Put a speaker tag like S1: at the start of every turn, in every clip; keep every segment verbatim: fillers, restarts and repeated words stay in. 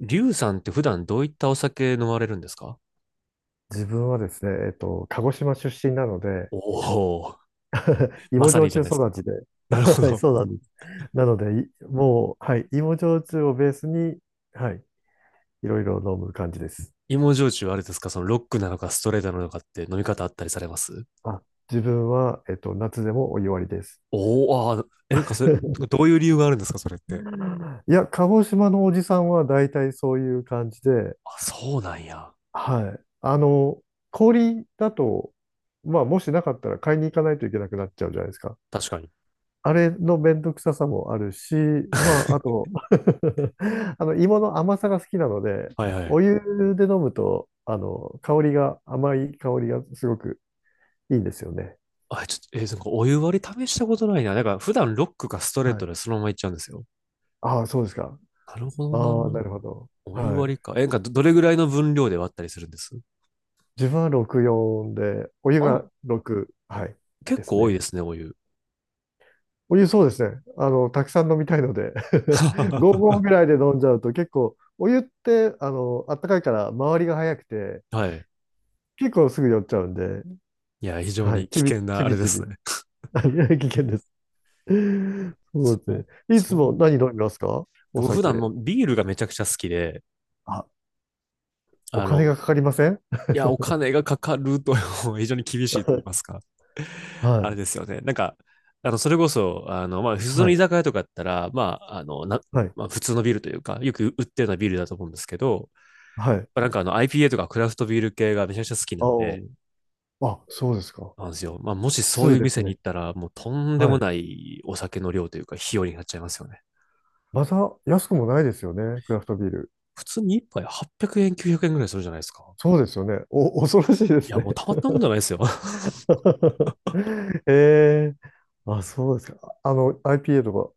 S1: リュウさんって普段どういったお酒飲まれるんですか？
S2: 自分はですね、えっと、鹿児島出身なので、
S1: おおー、ま
S2: 芋
S1: さに
S2: 焼
S1: じ
S2: 酎
S1: ゃないですか。
S2: 育ちで、
S1: なる ほ
S2: はい、
S1: ど。
S2: そうなんです。なので、いもう、はい、芋焼酎をベースに、はい、いろいろ飲む感じです。
S1: 芋焼酎はあれですか、そのロックなのかストレートなのかって飲み方あったりされます？
S2: あ、自分は、えっと、夏でもお湯割りです。
S1: おおー、あー、え、なんかそれ、どういう理由があるんですかそれって。
S2: いや、鹿児島のおじさんは大体そういう感じで、
S1: あ、そうなんや。
S2: はい。あの、氷だと、まあ、もしなかったら買いに行かないといけなくなっちゃうじゃないですか。
S1: 確かに。
S2: あれのめんどくささもあるし、まあ、あ と あの、芋の甘さが好きなので、
S1: はいはい。
S2: お湯で飲むと、あの、香りが、甘い香りがすごくいいんですよね。
S1: あ、ちょっと、えーなんかお湯割り試したことないな。なんか普段ロックかストレー
S2: は
S1: ト
S2: い。
S1: でそのままいっちゃうんですよ。
S2: ああ、そうですか。
S1: なるほど
S2: ああ、
S1: な。
S2: なるほど。
S1: お湯
S2: は
S1: 割り
S2: い。
S1: か。え、なんかど、どれぐらいの分量で割ったりするんです？
S2: 自分はろくよんで、お湯
S1: あ、
S2: がろく、はい、
S1: 結
S2: です
S1: 構多いで
S2: ね。
S1: すね、お湯。
S2: お湯そうですね。あの、たくさん飲みたいので ごごう合 ぐらいで飲んじゃうと結構、お湯って、あの、あったかいから、周りが早くて、
S1: はい。
S2: 結構すぐ酔っちゃうんで、
S1: いや、非常
S2: はい。
S1: に危
S2: ちび、
S1: 険な
S2: ち
S1: あれ
S2: び
S1: で
S2: ちび。
S1: すね。
S2: はい、危険です。そ
S1: そ
S2: うです
S1: う、
S2: ね。い
S1: そ
S2: つも
S1: う。
S2: 何飲みますか？お
S1: 僕普
S2: 酒。
S1: 段もビールがめちゃくちゃ好きで、
S2: あ、お
S1: あ
S2: 金
S1: の、
S2: がかかりません？
S1: いや、お金がかかると 非常に厳 しいと言い
S2: は
S1: ますか。あ
S2: い。
S1: れですよね。なんか、あの、それこそ、あの、まあ、普通
S2: は
S1: の居
S2: い。
S1: 酒屋とかだったら、まあ、あの、な、
S2: はい。
S1: まあ、普通のビールというか、よく売ってるようなビールだと思うんですけど、
S2: はい。
S1: まあ、なんかあの、アイピーエー とかクラフトビール系がめちゃくちゃ好きな
S2: あ
S1: んで、
S2: あ。あ、そうですか。
S1: なんですよ。まあ、もしそう
S2: に
S1: いう
S2: です
S1: 店に
S2: ね。
S1: 行ったら、もうとんで
S2: は
S1: も
S2: い。
S1: ないお酒の量というか、費用になっちゃいますよね。
S2: また安くもないですよね。クラフトビール。
S1: 普通に一杯はっぴゃくえん、きゅうひゃくえんぐらいするじゃないですか。
S2: そうですよね。お、恐ろしいで
S1: い
S2: す
S1: や、
S2: ね。
S1: もうたまったもんじゃないですよ。
S2: ええ、あ、そうですか。あの、アイピーエー とか、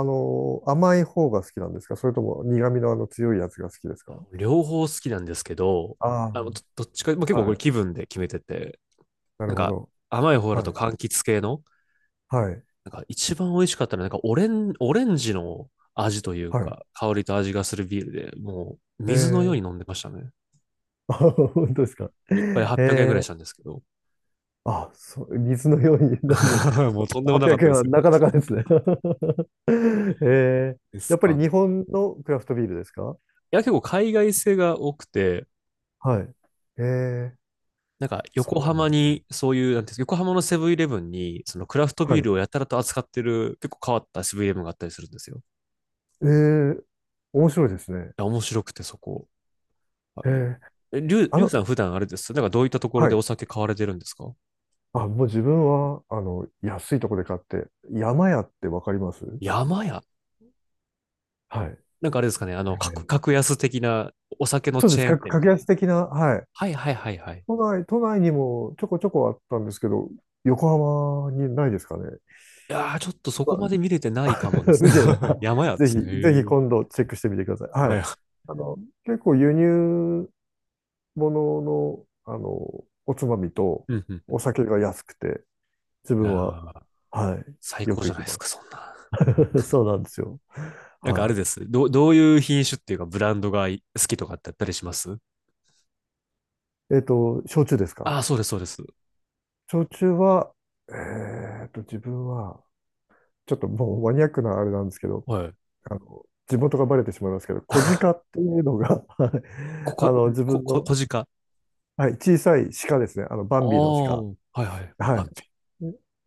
S2: あの、甘い方が好きなんですか？それとも苦味のあの強いやつが好きですか？
S1: 両方好きなんですけど、
S2: あ
S1: あのどどっちか、まあ、結
S2: あ、
S1: 構こ
S2: は
S1: れ
S2: い。
S1: 気分で決めてて、
S2: な
S1: な
S2: る
S1: ん
S2: ほ
S1: か
S2: ど。
S1: 甘い方だ
S2: は
S1: と
S2: い。
S1: 柑橘系の、
S2: はい。
S1: なんか一番美味しかったのはなんかオレン、オレンジの味という
S2: はい。
S1: か、香りと味がするビールで、もう
S2: え
S1: 水のよう
S2: ー、
S1: に飲んでましたね。
S2: あ、本当ですか。
S1: 一杯
S2: え
S1: はっぴゃくえんぐらい
S2: ー、
S1: したんですけど。
S2: あ、そう、水のように飲む？
S1: もうとんでもなか
S2: 800
S1: ったで
S2: 円は
S1: すよ。
S2: なかなかですね。えー、
S1: です
S2: やっぱり
S1: かね。
S2: 日
S1: い
S2: 本のクラフトビールですか？
S1: や、結構海外製が多くて、
S2: はい。えー、
S1: なんか、横
S2: そうなん
S1: 浜
S2: ですね。
S1: に、そういう、なんていうんですか、横浜のセブンイレブンに、そのクラフト
S2: は
S1: ビー
S2: い。
S1: ルをやたらと扱ってる、結構変わったセブンイレブンがあったりするんですよ。い
S2: えー、面白いですね。
S1: や、面白くて、そこ。は
S2: え
S1: い
S2: ー、
S1: え、りゅう、
S2: あ
S1: りゅう
S2: の、
S1: さん普段あれです。なんかどういったところ
S2: は
S1: で
S2: い。
S1: お酒買われてるんですか？
S2: あ、もう自分は、あの、安いとこで買って、山屋ってわかります？
S1: 山屋。
S2: はい。
S1: なんかあれですかね、あの、
S2: は
S1: 格、
S2: い、
S1: 格安的なお酒の
S2: そうで
S1: チ
S2: す。
S1: ェーン
S2: 格
S1: 店み
S2: 格
S1: たい
S2: 安
S1: な。
S2: 的な、はい。
S1: はいはいはいはい。
S2: 都内、都内にもちょこちょこあったんですけど、横浜にないですかね。
S1: いやー、ちょっとそ
S2: ま
S1: こまで見れてない
S2: あ
S1: かもで すね。
S2: 見てない。あ、
S1: 山屋で
S2: ぜひ、
S1: すね。へ
S2: ぜひ
S1: ー、
S2: 今度チェックしてみてください。は
S1: は
S2: い。
S1: い。
S2: あの、結構輸入物の、あの、おつまみと
S1: うんう
S2: お
S1: ん。
S2: 酒が安くて、自
S1: いや
S2: 分は、
S1: ー、
S2: は
S1: 最
S2: い、よ
S1: 高
S2: く
S1: じゃ
S2: 行
S1: な
S2: き
S1: いです
S2: ま
S1: か、そんな。
S2: す。そうなんですよ。
S1: なんかあれ
S2: は
S1: です。どう、どういう品種っていうかブランドがい好きとかってあったりします？
S2: い。えっと、焼酎です
S1: ああ
S2: か？
S1: ー、そうです、そうです。
S2: 焼酎は、えっと、自分は、ちょっともうマニアックなあれなんですけど、
S1: はい。
S2: あの、地元がバレてしまいますけど、小鹿 っていうのが はい、
S1: こ、
S2: あ
S1: こ、
S2: の、自
S1: こ、
S2: 分
S1: こ、
S2: の、
S1: 小鹿。
S2: はい、小さい鹿ですね。あの、バ
S1: あ
S2: ンビの
S1: あ、
S2: 鹿。
S1: はいはい。
S2: は
S1: 待
S2: い。
S1: って。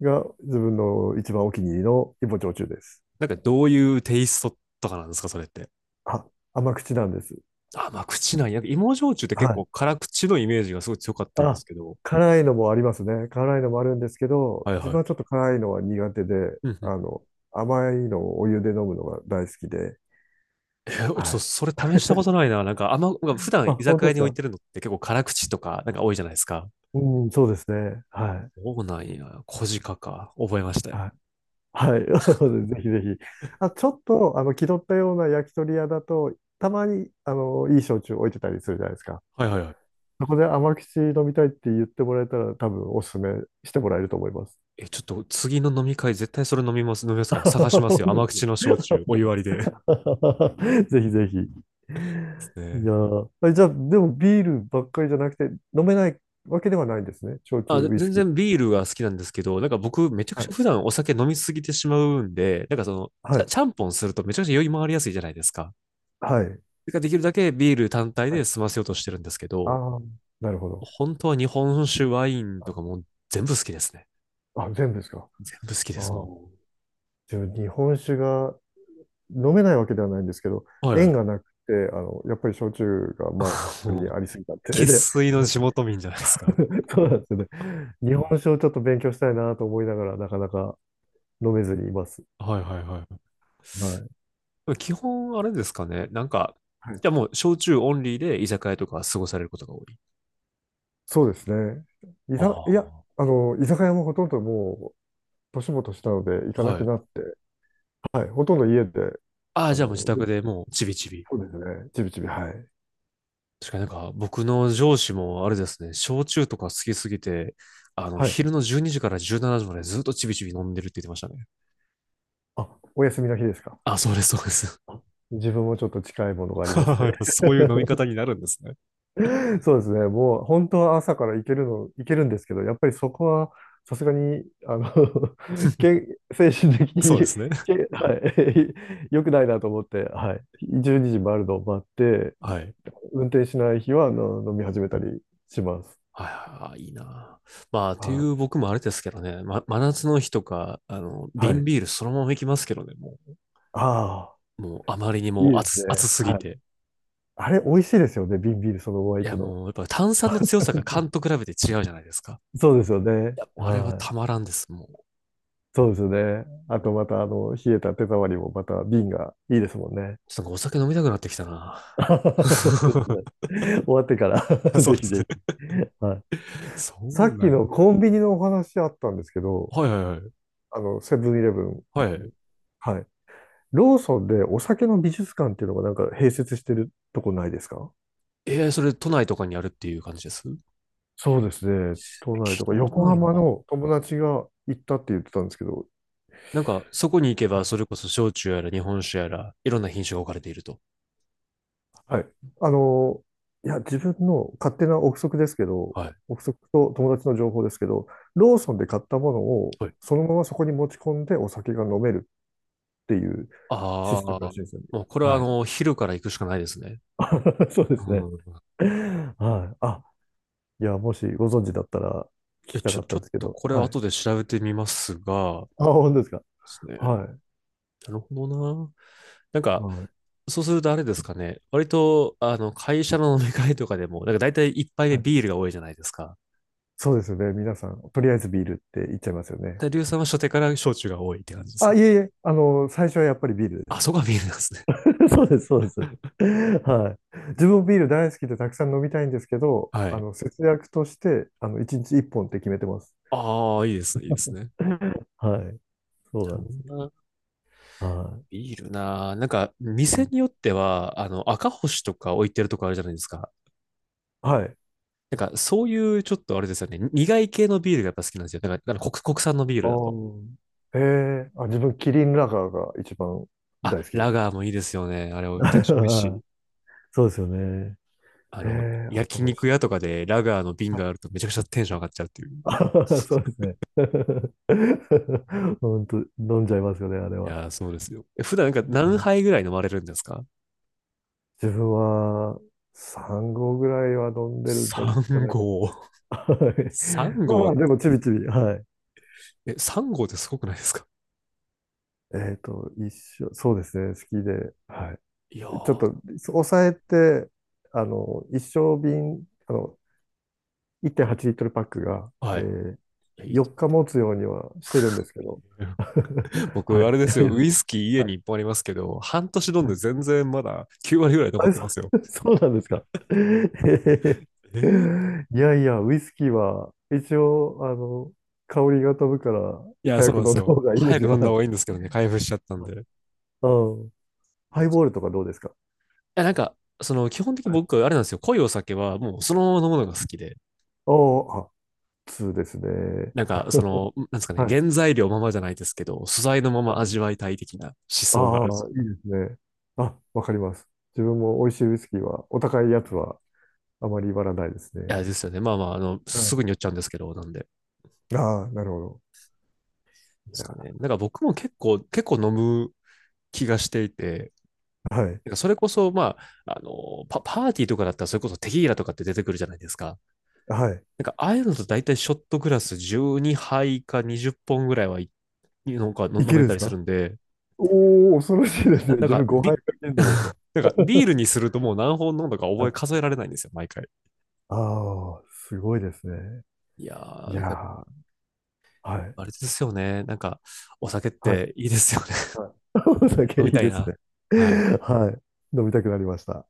S2: が、自分の一番お気に入りの芋焼酎です。
S1: なんかどういうテイストとかなんですか、それって。
S2: あ、甘口なんです。
S1: ああ、まあ口ない。なんか芋焼酎って結
S2: は
S1: 構
S2: い。
S1: 辛口のイメージがすごい強かったんで
S2: あ、
S1: すけど。
S2: 辛いのもありますね。辛いのもあるんですけど、
S1: はい
S2: 自
S1: は
S2: 分はち
S1: い。
S2: ょっと辛いのは苦手で、
S1: うん
S2: あ
S1: うん
S2: の、甘いのをお湯で飲むのが大好きで、
S1: えー、ちょっ
S2: は
S1: と
S2: い。
S1: それ試したこと ないな。なんかあんま、なんか普段
S2: あ、
S1: 居
S2: 本
S1: 酒
S2: 当
S1: 屋
S2: です
S1: に置い
S2: か？
S1: てるのって結構辛口とかなんか多いじゃないですか。
S2: うん、そうですね。はい。
S1: そうなんや。小鹿か。覚えましたよ。
S2: はいはい。ぜひぜひ。あ、ちょっと、あの、気取ったような焼き鳥屋だと、たまに、あの、いい焼酎置いてたりするじゃないですか。
S1: はいはいはい。
S2: そこで甘口飲みたいって言ってもらえたら、多分おすすめしてもらえると思います。
S1: え、ちょっと次の飲み会絶対それ飲みます、飲みますから探し ま
S2: 本
S1: すよ。
S2: 当
S1: 甘
S2: で
S1: 口の焼酎、お湯割りで。で
S2: す ぜひぜひ。
S1: す
S2: い
S1: ね。
S2: やー、え、じゃあ、でもビールばっかりじゃなくて、飲めないわけではないんですね。焼酎、
S1: あ、
S2: ウイス
S1: 全
S2: キー。
S1: 然ビールが好きなんですけど、なんか僕めちゃく
S2: は
S1: ちゃ普
S2: い。
S1: 段お酒飲みすぎてしまうんで、なんかその、
S2: は
S1: ちゃ、
S2: い。
S1: ちゃんぽんするとめちゃくちゃ酔い回りやすいじゃないですか。
S2: はい。
S1: だからできるだけビール単体
S2: は
S1: で
S2: い。
S1: 済ませようとしてるんですけ
S2: あ
S1: ど、
S2: あ、なるほど。
S1: 本当は日本酒、ワイン
S2: は
S1: と
S2: い、
S1: かもう全部好きですね。
S2: あ、全部ですか。
S1: 全部好きで
S2: あ
S1: す、
S2: あ。
S1: も
S2: 自分、日本酒が飲めないわけではないんですけど、
S1: う。はいは
S2: 縁
S1: い。
S2: がなくて、あの、やっぱり焼酎が周 り
S1: も
S2: に
S1: う、
S2: ありすぎたって
S1: 生
S2: で、
S1: 粋の地元民じゃないですか。
S2: そうなんですよね。日本酒をちょっと勉強したいなと思いながら、なかなか飲めずにいます。
S1: はいはいはい。
S2: はい。
S1: 基本あれですかね。なんか、
S2: はい、
S1: じゃあもう焼酎オンリーで居酒屋とか過ごされることが多い。
S2: そうですね。い
S1: あ
S2: ざ、いや、あの、居酒屋もほとんどもう、年も年したので行
S1: あ、
S2: かな
S1: は
S2: くな
S1: い。
S2: って、はい、ほとんど家で、
S1: ああ、
S2: あ
S1: じゃあもう自
S2: の、で、
S1: 宅でもうちびちび。
S2: そうですね。ちびちび、はい。
S1: 確かになんか僕の上司もあれですね、焼酎とか好きすぎて、あの、
S2: はい。
S1: 昼のじゅうにじからじゅうしちじまでずっとちびちび飲んでるって言ってましたね。
S2: あ、お休みの日ですか。
S1: あ、そうです、そうです。
S2: 自分もちょっと近いものがあります ね。
S1: やっぱそういう飲み 方になるんですね。
S2: そうですね。もう本当は朝から行けるの、行けるんですけど、やっぱりそこはさすがに、あの、け、精神的
S1: そ
S2: に、
S1: うですね。
S2: け、はい、良くないなと思って、はい。じゅうにじ回るのを待って、
S1: はい。
S2: 運転しない日は、あの、飲み始めたりします。
S1: はいはいはい、いいな。まあ、ってい
S2: はい。
S1: う僕もあれですけどね、ま、真夏の日とか、あの、
S2: は
S1: 瓶
S2: い。
S1: ビールそのまま行きますけどね、もう。
S2: あ
S1: もうあまりに
S2: あ、いい
S1: も
S2: です
S1: 熱、熱
S2: ね。
S1: すぎ
S2: はい。
S1: て。
S2: あれ、美味しいですよね。瓶ビールそのまま
S1: い
S2: 行
S1: や、
S2: くの。
S1: もうやっぱ炭酸の強さが缶と比べて違うじゃないですか。
S2: そうですよ
S1: い
S2: ね。
S1: や、もうあれは
S2: は
S1: た
S2: い。
S1: まらんです、も
S2: そうですよね。
S1: う。
S2: あ
S1: うん、
S2: とまた、あの、冷えた手触りもまた瓶がいいですもんね。
S1: ちょっとなんかお酒飲みたくなってきたな。
S2: 本当ですね。終わってから
S1: そう
S2: ぜ
S1: で
S2: ひ
S1: すね。
S2: ぜひ。はい。
S1: そ
S2: さ
S1: う
S2: っき
S1: な
S2: の
S1: んや。
S2: コンビニのお話あったんですけど、
S1: はいはいはい。
S2: あの、セブンイレブン。
S1: はい。
S2: はい。ローソンでお酒の美術館っていうのがなんか併設してるとこないですか？
S1: えー、それ都内とかにあるっていう感じです。聞
S2: そうですね。都内
S1: い
S2: とか
S1: たこと
S2: 横
S1: ない
S2: 浜
S1: な。
S2: の友達が行ったって言ってたんですけど、
S1: なんか、そこに行け
S2: は
S1: ば、
S2: い。
S1: それこそ焼酎やら日本酒やら、いろんな品種が置かれていると。
S2: はい。あの、いや、自分の勝手な憶測ですけど、
S1: はい。
S2: 憶測と友達の情報ですけど、ローソンで買ったものを
S1: はい。
S2: そのままそこに持ち込んでお酒が飲めるっていう
S1: あ
S2: システムら
S1: あ、
S2: しいんですよね。
S1: もうこれはあ
S2: はい。
S1: の、昼から行くしかないですね。
S2: そうです
S1: う
S2: ね。
S1: ん。
S2: はい。あ、いや、もしご存知だったら聞
S1: いや、
S2: きた
S1: ち
S2: か
S1: ょ、
S2: った
S1: ち
S2: ん
S1: ょ
S2: で
S1: っ
S2: すけ
S1: と
S2: ど。
S1: これは
S2: はい。
S1: 後で調べてみますが、で
S2: あ、本当ですか。
S1: すね。な
S2: は
S1: るほどな。なん
S2: い。
S1: か、
S2: はい。
S1: そうするとあれですかね。割と、あの、会社の飲み会とかでも、なんか大体一杯
S2: は
S1: 目
S2: い、
S1: ビールが多いじゃないですか。
S2: そうですよね。皆さん、とりあえずビールって言っちゃいますよね。
S1: で、リュウさんは初手から焼酎が多いって感じです？
S2: あ、いえいえ、あの、最初はやっぱりビールで
S1: あ、
S2: す。
S1: そこはビールなんですね。
S2: そうです、そうです。はい。自分もビール大好きでたくさん飲みたいんですけど、
S1: は
S2: あ
S1: い。
S2: の、節約として、あの、いちにちいっぽんっぽんって決めてます。
S1: ああ、いいですね、いいですね。
S2: はい。そう
S1: なる
S2: な
S1: ほ
S2: んです。
S1: どな。
S2: はい。
S1: ビールな。なんか、店によっては、あの、赤星とか置いてるとこあるじゃないですか。
S2: はい。
S1: なんか、そういうちょっとあれですよね。苦い系のビールがやっぱ好きなんですよ。なんか、あの国、国産のビー
S2: あ
S1: ルだと。
S2: あ、へえ、あ、自分、キリンラガーが一番
S1: あ、
S2: 大好きで
S1: ラ
S2: す。
S1: ガーもいいですよね。あれ、めちゃくちゃ美味し
S2: あ
S1: い。
S2: あ、そうですよね。
S1: あ
S2: へ
S1: の、
S2: え、赤
S1: 焼
S2: 星。
S1: 肉屋とかでラガーの瓶
S2: は
S1: があ
S2: い。
S1: るとめちゃくちゃテンション上がっちゃうっていう。
S2: ああ、そうですね。本当、飲んじゃいますよね、あれ
S1: い
S2: は。
S1: やー、そうですよ。え普段なんか何杯ぐらい飲まれるんですか
S2: 自分はさん合ぐらいは飲んでるんじゃ
S1: ?さん
S2: ないか
S1: 合。
S2: な。はい、
S1: さん
S2: まあま
S1: 号、
S2: あ、でも、ちびちび、はい。
S1: え、さん号ってすごくないですか？
S2: えっと、一生、そうですね、好きで、はい。
S1: いや
S2: ちょっ
S1: ー、
S2: と、抑えて、あの、一升瓶、あの、いってんはちリットルパックが、え
S1: はい。
S2: ー、
S1: いやいい
S2: よっか持つようにはしてるんですけど。は
S1: 僕、
S2: い。
S1: あれで
S2: いや
S1: す
S2: い
S1: よ。
S2: や、
S1: ウイスキー家
S2: は
S1: に
S2: い
S1: いっぽんありますけど、半年飲ん
S2: は
S1: で
S2: い、
S1: 全然まだきゅう割ぐらい
S2: あ
S1: 残っ
S2: れ、
S1: て
S2: そ
S1: ますよ。
S2: そうなんですか。えー、
S1: えー
S2: いやいや、ウイスキーは一応、あの、香りが飛ぶから
S1: いや、そ
S2: 早
S1: う
S2: く
S1: なんで
S2: 飲ん
S1: す
S2: だ方
S1: よ。
S2: がいいで
S1: 早
S2: す
S1: く
S2: よ。
S1: 飲ん
S2: は
S1: だ方
S2: い。
S1: がいいんですけどね、開封しちゃったんで。
S2: うん。
S1: い
S2: ハ
S1: や、
S2: イボールとかどうですか？
S1: や、なんか、その、基本的に
S2: はい。
S1: 僕、あれなんですよ。濃いお酒は、もう、そのまま飲むのが好きで。
S2: おー、あ、にですね。
S1: なんか、その、なんですかね、
S2: はい。
S1: 原材料ままじゃないですけど、素材のま
S2: は
S1: ま味
S2: い、
S1: わいたい的な思
S2: あ
S1: 想があ
S2: あ
S1: る。い
S2: ー、いいですね。あ、わかります。自分も美味しいウイスキーは、お高いやつはあまり言らないですね。
S1: や、ですよね。まあまあ、あの、
S2: は
S1: すぐに酔っちゃうんですけど、なんでで
S2: い。ああ、なるほど。い
S1: す
S2: や、
S1: かね。なんか僕も結構、結構飲む気がしていて、
S2: はい。
S1: なんかそれこそ、まあ、あの、パ、パーティーとかだったら、それこそテキーラとかって出てくるじゃないですか。
S2: はい。
S1: なんか、ああいうのと大体ショットグラスじゅうにはいかにじゅっぽんぐらいはい、なんかの
S2: い
S1: 飲
S2: ける
S1: め
S2: んで
S1: た
S2: す
S1: りす
S2: か？
S1: るんで、
S2: おおー、恐ろしいです
S1: な、
S2: ね。
S1: なん
S2: 自
S1: か、
S2: 分ごはい
S1: ビ、
S2: かけるのですね。
S1: なんかビール にするともう何本飲んだか
S2: は
S1: 覚え
S2: い。
S1: 数えられないんですよ、毎回。
S2: ああ、すごいですね。
S1: いや
S2: い
S1: ー、
S2: や
S1: だから
S2: ー、はい。
S1: あれですよね。なんか、お酒っ
S2: はい。
S1: ていいですよね。
S2: はい。お 酒
S1: 飲
S2: い
S1: み
S2: い
S1: たい
S2: です
S1: な。
S2: ね。
S1: はい。
S2: はい。飲みたくなりました。